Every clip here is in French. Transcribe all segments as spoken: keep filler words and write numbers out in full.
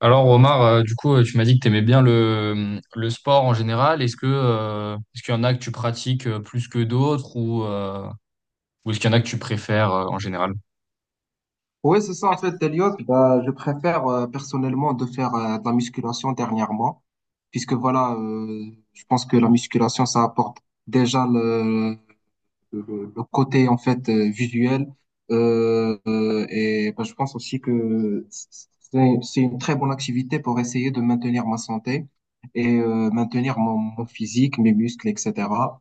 Alors Omar, euh, du coup, euh, tu m'as dit que tu aimais bien le, le sport en général. Est-ce que euh, est-ce qu'il y en a que tu pratiques euh, plus que d'autres ou, euh, ou est-ce qu'il y en a que tu préfères euh, en général? Oui, c'est ça, en fait, Elliot. Bah, je préfère euh, personnellement de faire euh, de la musculation dernièrement, puisque voilà, euh, je pense que la musculation, ça apporte déjà le, le, le côté en fait euh, visuel. Euh, euh, et bah, je pense aussi que c'est, c'est une très bonne activité pour essayer de maintenir ma santé et euh, maintenir mon, mon physique, mes muscles, et cetera.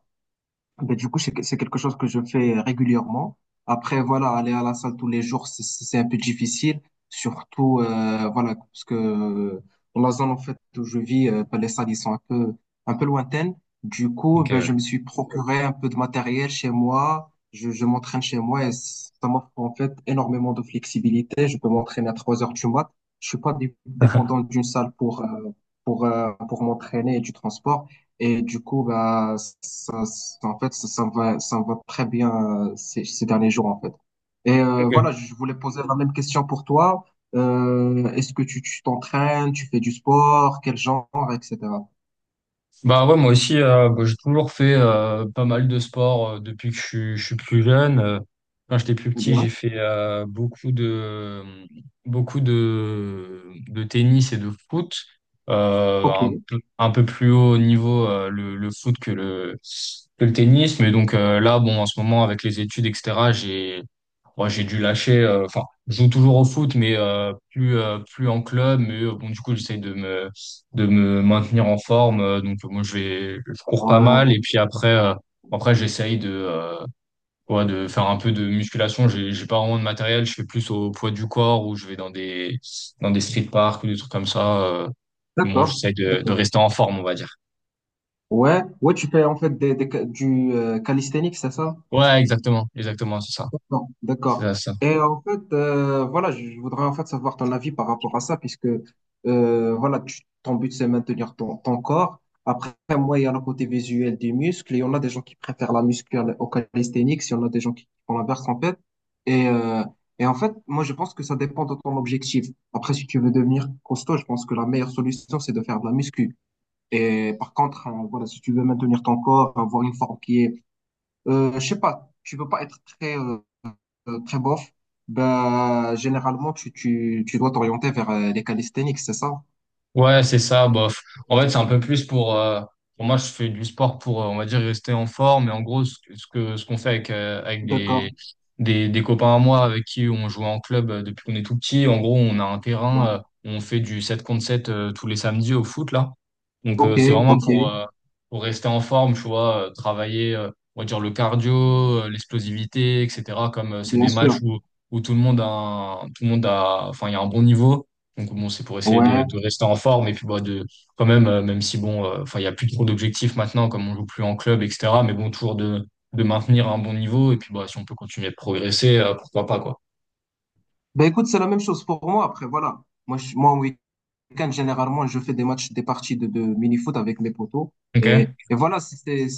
Ben, du coup, c'est que- c'est quelque chose que je fais régulièrement. Après, voilà, aller à la salle tous les jours, c'est c'est un peu difficile. Surtout, euh, voilà, parce que dans la zone en fait où je vis, euh, ben, les salles ils sont un peu, un peu lointaines. Du coup, Ok, ben, ouais. je me suis procuré un peu de matériel chez moi. Je, je m'entraîne chez moi et ça m'offre en fait énormément de flexibilité. Je peux m'entraîner à trois heures du mat. Je suis pas dé- dépendant d'une salle pour, euh, pour, euh, pour m'entraîner et du transport. Et du coup, bah, ça, ça- en fait, ça, ça me va, ça me va très bien euh, ces, ces derniers jours, en fait. Et euh, Ok. voilà, je voulais poser la même question pour toi. Euh, est-ce que tu tu t'entraînes, tu fais du sport, quel genre, et cetera. Bah ouais, moi aussi, euh, bah, j'ai toujours fait euh, pas mal de sport euh, depuis que je suis, je suis plus jeune. Euh, quand j'étais plus Très petit, bien. j'ai fait euh, beaucoup de beaucoup de, de tennis et de foot. Euh, Ok. un, peu un peu plus haut niveau euh, le, le foot que le, que le tennis. Mais donc euh, là, bon, en ce moment, avec les études, et cetera Ouais, j'ai dû lâcher. euh, Enfin, je joue toujours au foot, mais euh, plus euh, plus en club. Mais euh, bon, du coup, j'essaie de me de me maintenir en forme. Euh, donc, moi, je vais je cours pas mal. Ouais. Et puis après, euh, après, j'essaye de euh, ouais, de faire un peu de musculation. J'ai j'ai pas vraiment de matériel. Je fais plus au poids du corps ou je vais dans des dans des street parks ou des trucs comme ça. euh. Moi, D'accord. j'essaie de de D'accord. rester en forme, on va dire. Ouais. Ouais, tu fais en fait des, des ca- du euh, calisthenics, c'est ça? Ouais, exactement, exactement, c'est ça, D'accord, c'est ça. d'accord. C'est ça. Et en fait, euh, voilà, je je voudrais en fait savoir ton avis par rapport à ça, puisque euh, voilà, tu- ton but c'est maintenir ton, ton corps. Après, moi, il y a le côté visuel des muscles, et on a des gens qui préfèrent la musculaire au calisthénique, si on a des gens qui font l'inverse en fait. Et, euh, et En fait, moi, je pense que ça dépend de ton objectif. Après, si tu veux devenir costaud, je pense que la meilleure solution, c'est de faire de la muscu. Et par contre, euh, voilà, si tu veux maintenir ton corps, avoir une forme qui est, euh, je sais pas, tu veux pas être très euh, euh, très bof, ben, généralement, tu, tu, tu dois t'orienter vers euh, les calisthenics, c'est ça? Ouais, c'est ça. Bof. En fait, c'est un peu plus pour, euh, pour moi, je fais du sport pour, euh, on va dire, rester en forme. Et en gros, ce que, ce que- ce qu'on fait avec, euh, avec D'accord. des, des, des copains à moi avec qui on jouait en club euh, depuis qu'on est tout petit. En gros, on a un terrain, Ouais. euh, on fait du sept contre sept euh, tous les samedis au foot, là. Donc, euh, Ok, c'est vraiment ok, pour, euh, pour rester en forme, tu vois, euh, travailler, euh, on va dire, le cardio, euh, l'explosivité, et cetera. Comme euh, c'est bien des sûr. matchs où, où tout le monde a, un- tout le monde a, enfin, il y a un bon niveau. Donc bon, c'est pour essayer de, Ouais. de rester en forme et puis bah, de quand même, euh, même si bon, euh, enfin il y a plus trop d'objectifs maintenant comme on joue plus en club, et cetera. Mais bon, toujours de, de maintenir un bon niveau et puis bah si on peut continuer de progresser, euh, pourquoi pas quoi. Ben écoute, c'est la même chose pour moi. Après, voilà. Moi, je, moi, en week-end, généralement, je fais des matchs, des parties de, de mini-foot avec mes potos. Et, Ok? et voilà, c'est, c'est,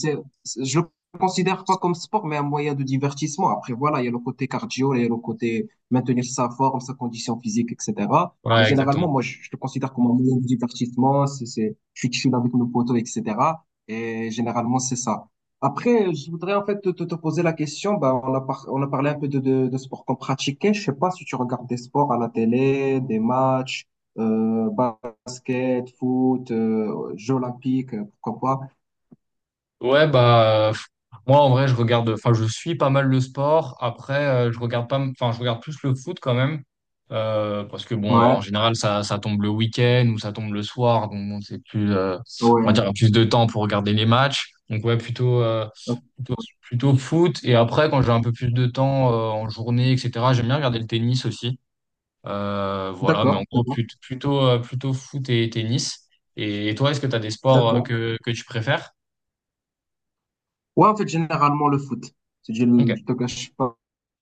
c'est- je le considère pas comme sport, mais un moyen de divertissement. Après, voilà, il y a le côté cardio, il y a le côté maintenir sa forme, sa condition physique, et cetera. Mais Ouais, généralement, exactement. moi, je, je le considère comme un moyen de divertissement. C'est, c'est, je suis chill avec mes potos, et cetera. Et généralement, c'est ça. Après, je voudrais en fait te, te- te poser la question. Bah, on a par- on a parlé un peu de, de, de sport qu'on pratiquait. Je sais pas si tu regardes des sports à la télé, des matchs, euh, basket, foot, euh, Jeux olympiques, euh, pourquoi Ouais, bah euh, moi en vrai je regarde, enfin je suis pas mal le sport. Après euh, je regarde pas, m- enfin je regarde plus le foot quand même euh, parce que pas. bon euh, Ouais, en général ça ça tombe le week-end ou ça tombe le soir donc bon c'est plus euh, on va dire ouais. plus de temps pour regarder les matchs. Donc ouais plutôt. euh, Plutôt foot. Et après, quand j'ai un peu plus de temps euh, en journée, et cetera, j'aime bien regarder le tennis aussi. Euh, voilà, mais en D'accord, gros, d'accord, plut- plutôt, euh, plutôt, foot et tennis. Et, et toi, est-ce que tu as des sports euh, d'accord. que, que tu préfères? Ouais, en fait, généralement le foot. Si je ne Ok. te cache pas.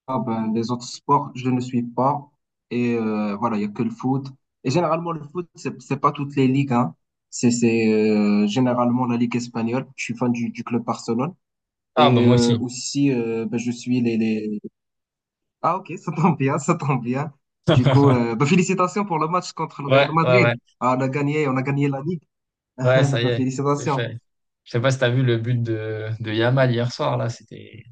Ah ben, les autres sports, je ne suis pas. Et euh, voilà, il y a que le foot. Et généralement, le foot, c'est, c'est pas toutes les ligues, hein. C'est, c'est euh, Généralement la Ligue espagnole. Je suis fan du, du club Barcelone. Ah, bah Et moi euh, aussi. aussi, euh, ben, je suis les, les... Ah ok, ça tombe bien, ça tombe bien. Du coup, euh, ben, félicitations pour le match contre le Ouais, Real ouais, ouais. Madrid. Ah, on a gagné, on a gagné la Ligue. Ouais, ça y Ben, est, c'est fait. félicitations. Je sais pas si t'as vu le but de, de Yamal hier soir, là, c'était...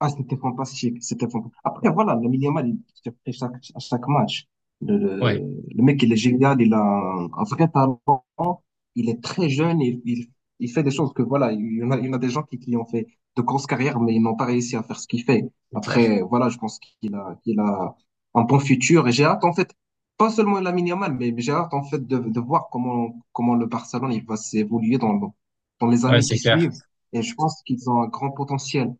Ah, c'était fantastique, c'était fantastique. Après, voilà, le Yamal, il surprit chaque, à chaque match. Le, Ouais, le- Le mec, il est génial, il a un, un vrai talent, il est très jeune, il, il, il fait des choses que, voilà, il y en a, il y en a des gens qui, qui ont fait de grosses carrières, mais ils n'ont pas réussi à faire ce qu'il fait. c'est clair. Après, voilà, je pense qu'il a, qu'il a un bon futur et j'ai hâte, en fait, pas seulement la Yamal, mais mais j'ai hâte, en fait, de, de voir comment, comment le Barcelone, il va s'évoluer dans, le- dans les Ouais, années c'est qui clair. suivent et je pense qu'ils ont un grand potentiel.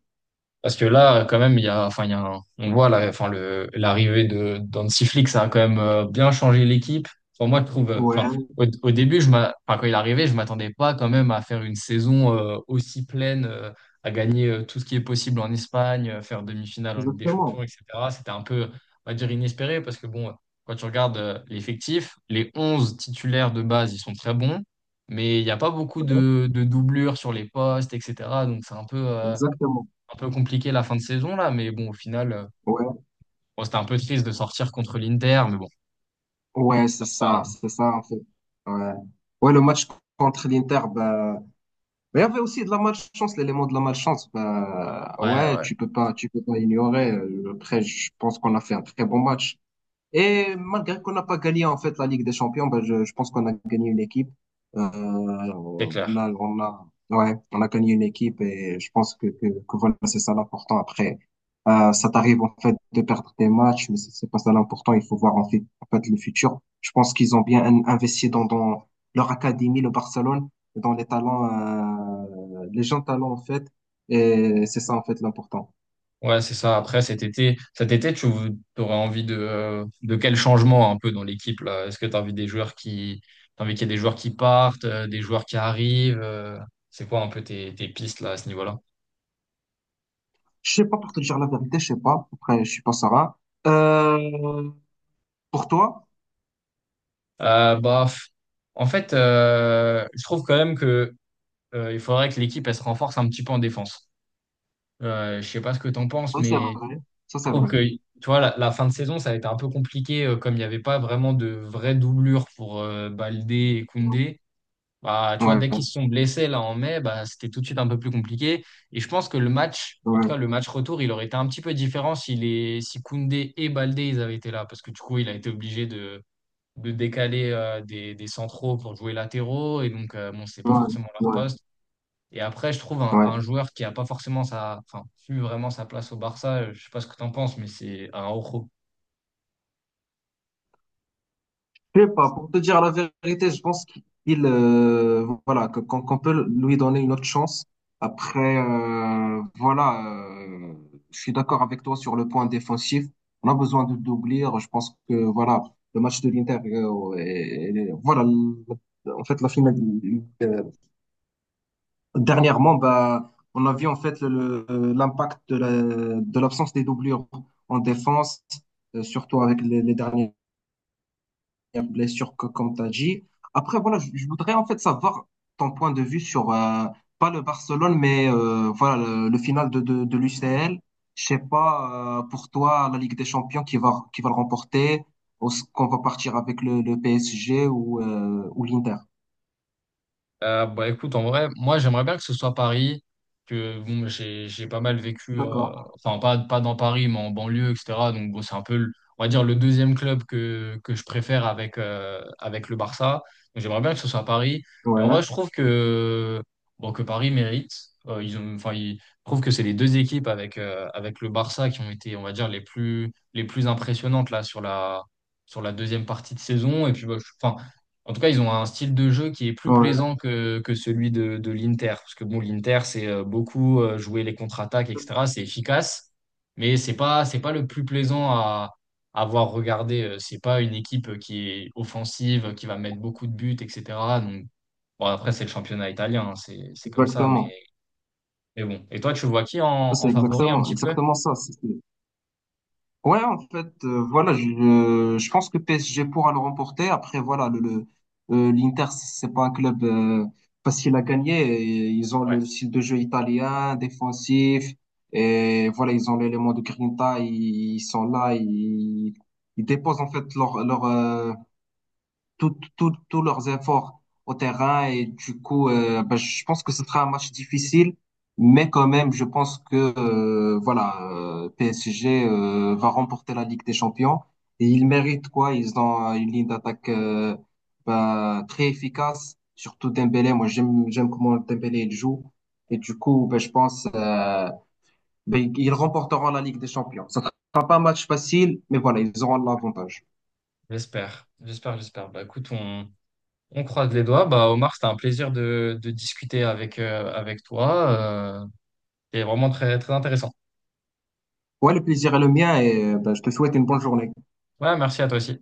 Parce que là, quand même, il y a, enfin, il y a un- on voit la, enfin, le, l'arrivée de d'Hansi Flick, ça a quand même euh, bien changé l'équipe. Enfin, moi, je trouve, euh, enfin, Ouais, au, au début, je m'a- enfin, quand il est arrivé, je m'attendais pas quand même à faire une saison euh, aussi pleine, euh, à gagner euh, tout ce qui est possible en Espagne, euh, faire demi-finale en Ligue des Champions, exactement. et cetera. C'était un peu, on va dire, inespéré parce que bon, quand tu regardes euh, l'effectif, les onze titulaires de base, ils sont très bons, mais il n'y a pas beaucoup Ouais, de, de doublures sur les postes, et cetera. Donc, c'est un peu. euh, exactement. un peu compliqué la fin de saison là, mais bon, au final, euh, Ouais, bon, c'était un peu triste de sortir contre l'Inter, mais bon, ouais, c'est c'est comme ça, ça, hein. c'est ça en fait. Ouais. Ouais, le match contre l'Inter, bah, mais il y avait aussi de la malchance, l'élément de la malchance. Bah, Ouais, ouais, ouais, tu peux pas, tu peux pas ignorer. Euh, Après, je pense qu'on a fait un très bon match. Et malgré qu'on n'a pas gagné en fait la Ligue des Champions, ben, je, je pense qu'on a gagné une équipe. Euh, c'est on clair. A, on a, ouais, on a gagné une équipe et je pense que, que, que voilà, c'est ça l'important. Après, euh, ça t'arrive en fait de perdre des matchs, mais c'est c'est pas ça l'important. Il faut voir en fait, en fait le futur. Je pense qu'ils ont bien in- investi dans, dans leur académie, le Barcelone, dans les talents, euh, les jeunes talents en fait. Et c'est ça, en fait, l'important. Ouais, c'est ça. Après, cet été, cet été, tu aurais envie de, euh, de quel changement un peu dans l'équipe là? Est-ce que tu as envie des joueurs qui, t'as envie qu'il y ait des joueurs qui partent, euh, des joueurs qui arrivent? Euh, c'est quoi un peu tes, tes pistes là à ce niveau-là? Je sais pas, pour te dire la vérité, je sais pas. Après, je suis pas Sarah. Euh, pour toi? Euh, bah, f- En fait, euh, je trouve quand même que euh, il faudrait que l'équipe elle se renforce un petit peu en défense. Euh, je sais pas ce que t'en penses, Oui, c'est mais vrai. Ça, je c'est trouve vrai. que, tu vois, la, la fin de saison, ça a été un peu compliqué, euh, comme il n'y avait pas vraiment de vraie doublure pour euh, Baldé et Koundé. Bah, tu vois, dès qu'ils Ouais, se sont blessés là en mai, bah, c'était tout de suite un peu plus compliqué. Et je pense que le match, en tout ouais, cas le match retour, il aurait été un petit peu différent si, les, si Koundé et Baldé ils avaient été là. Parce que du coup, il a été obligé de, de décaler euh, des, des centraux pour jouer latéraux. Et donc, euh, bon, c'est pas ouais, forcément leur ouais, poste. Et après, je trouve un, un ouais. joueur qui n'a pas forcément sa, enfin, su vraiment sa place au Barça, euh, je sais pas ce que tu en penses, mais c'est un Je sais pas, pour te dire la vérité, je pense qu'il euh, voilà que- qu'on qu'on peut lui donner une autre chance. Après, euh, voilà, euh, je suis d'accord avec toi sur le point défensif. On a besoin de d'ouvrir. Je pense que voilà, le match de l'Inter, euh, et- et- voilà, le- en fait la finale. euh, Dernièrement, bah, on a vu en fait le- le- l'impact de la- de l'absence des doublures en défense, euh, surtout avec les, les derniers y a blessure que, comme tu as dit. Après, voilà, je, je voudrais en fait savoir ton point de vue sur, euh, pas le Barcelone, mais euh, voilà, le, le final de, de, de l'U C L. Je sais pas, euh, pour toi, la Ligue des Champions qui va, qui va le remporter, ou ce qu'on va partir avec le, le P S G ou, euh, ou l'Inter. Euh, bah écoute, en vrai, moi j'aimerais bien que ce soit Paris, que bon, j'ai j'ai pas mal vécu, euh, D'accord. enfin pas, pas dans Paris, mais en banlieue, et cetera. Donc bon, c'est un peu, le- on va dire, le deuxième club que, que je préfère avec, euh, avec le Barça. Donc j'aimerais bien que ce soit Paris. Et Ouais, en vrai, je trouve que, bon, que Paris mérite. Euh, ils ont, enfin, ils, je trouve que c'est les deux équipes avec, euh, avec le Barça qui ont été, on va dire, les plus, les plus impressionnantes là sur la, sur la deuxième partie de saison. Et puis, bah, je- enfin, en tout cas, ils ont un style de jeu qui est plus ouais, plaisant que, que celui de, de l'Inter. Parce que bon, l'Inter, c'est euh, beaucoup euh, jouer les contre-attaques, et cetera. C'est efficace, mais c'est pas, c'est pas le plus plaisant à avoir regardé. Euh, C'est pas une équipe qui est offensive, qui va mettre beaucoup de buts, et cetera. Donc, bon, après, c'est le championnat italien, hein, c'est, c'est comme ça. Mais, exactement. mais bon. Et toi, tu vois qui en, en C'est favori un exactement, petit peu? exactement ça. C'est ouais, en fait, euh, voilà, je, euh, je pense que P S G pourra le remporter. Après, voilà, le, le- euh, l'Inter, c'est pas un club euh, facile à gagner. Et ils ont Ouais, le style de jeu italien, défensif, et voilà, ils ont l'élément de Grinta, ils, ils sont là, ils, ils déposent en fait leur, leur, euh, tous tous tous leurs efforts au terrain. Et du coup, euh, ben, je pense que ce sera un match difficile, mais quand même, je pense que euh, voilà, euh, P S G euh, va remporter la Ligue des Champions. Et ils méritent quoi? Ils ont euh, une ligne d'attaque euh, ben, très efficace, surtout Dembélé. Moi, j'aime j'aime comment Dembélé il joue. Et du coup, ben, je pense euh, ben, ils remporteront la Ligue des Champions. Ça sera pas un match facile, mais voilà, ils auront l'avantage. j'espère. J'espère, j'espère. Bah écoute, on. On croise les doigts. Bah, Omar, c'était un plaisir de, de discuter avec, euh, avec toi. Euh, C'était vraiment très, très intéressant. Ouais, le plaisir est le mien et euh, ben, je te souhaite une bonne journée. Ouais, merci à toi aussi.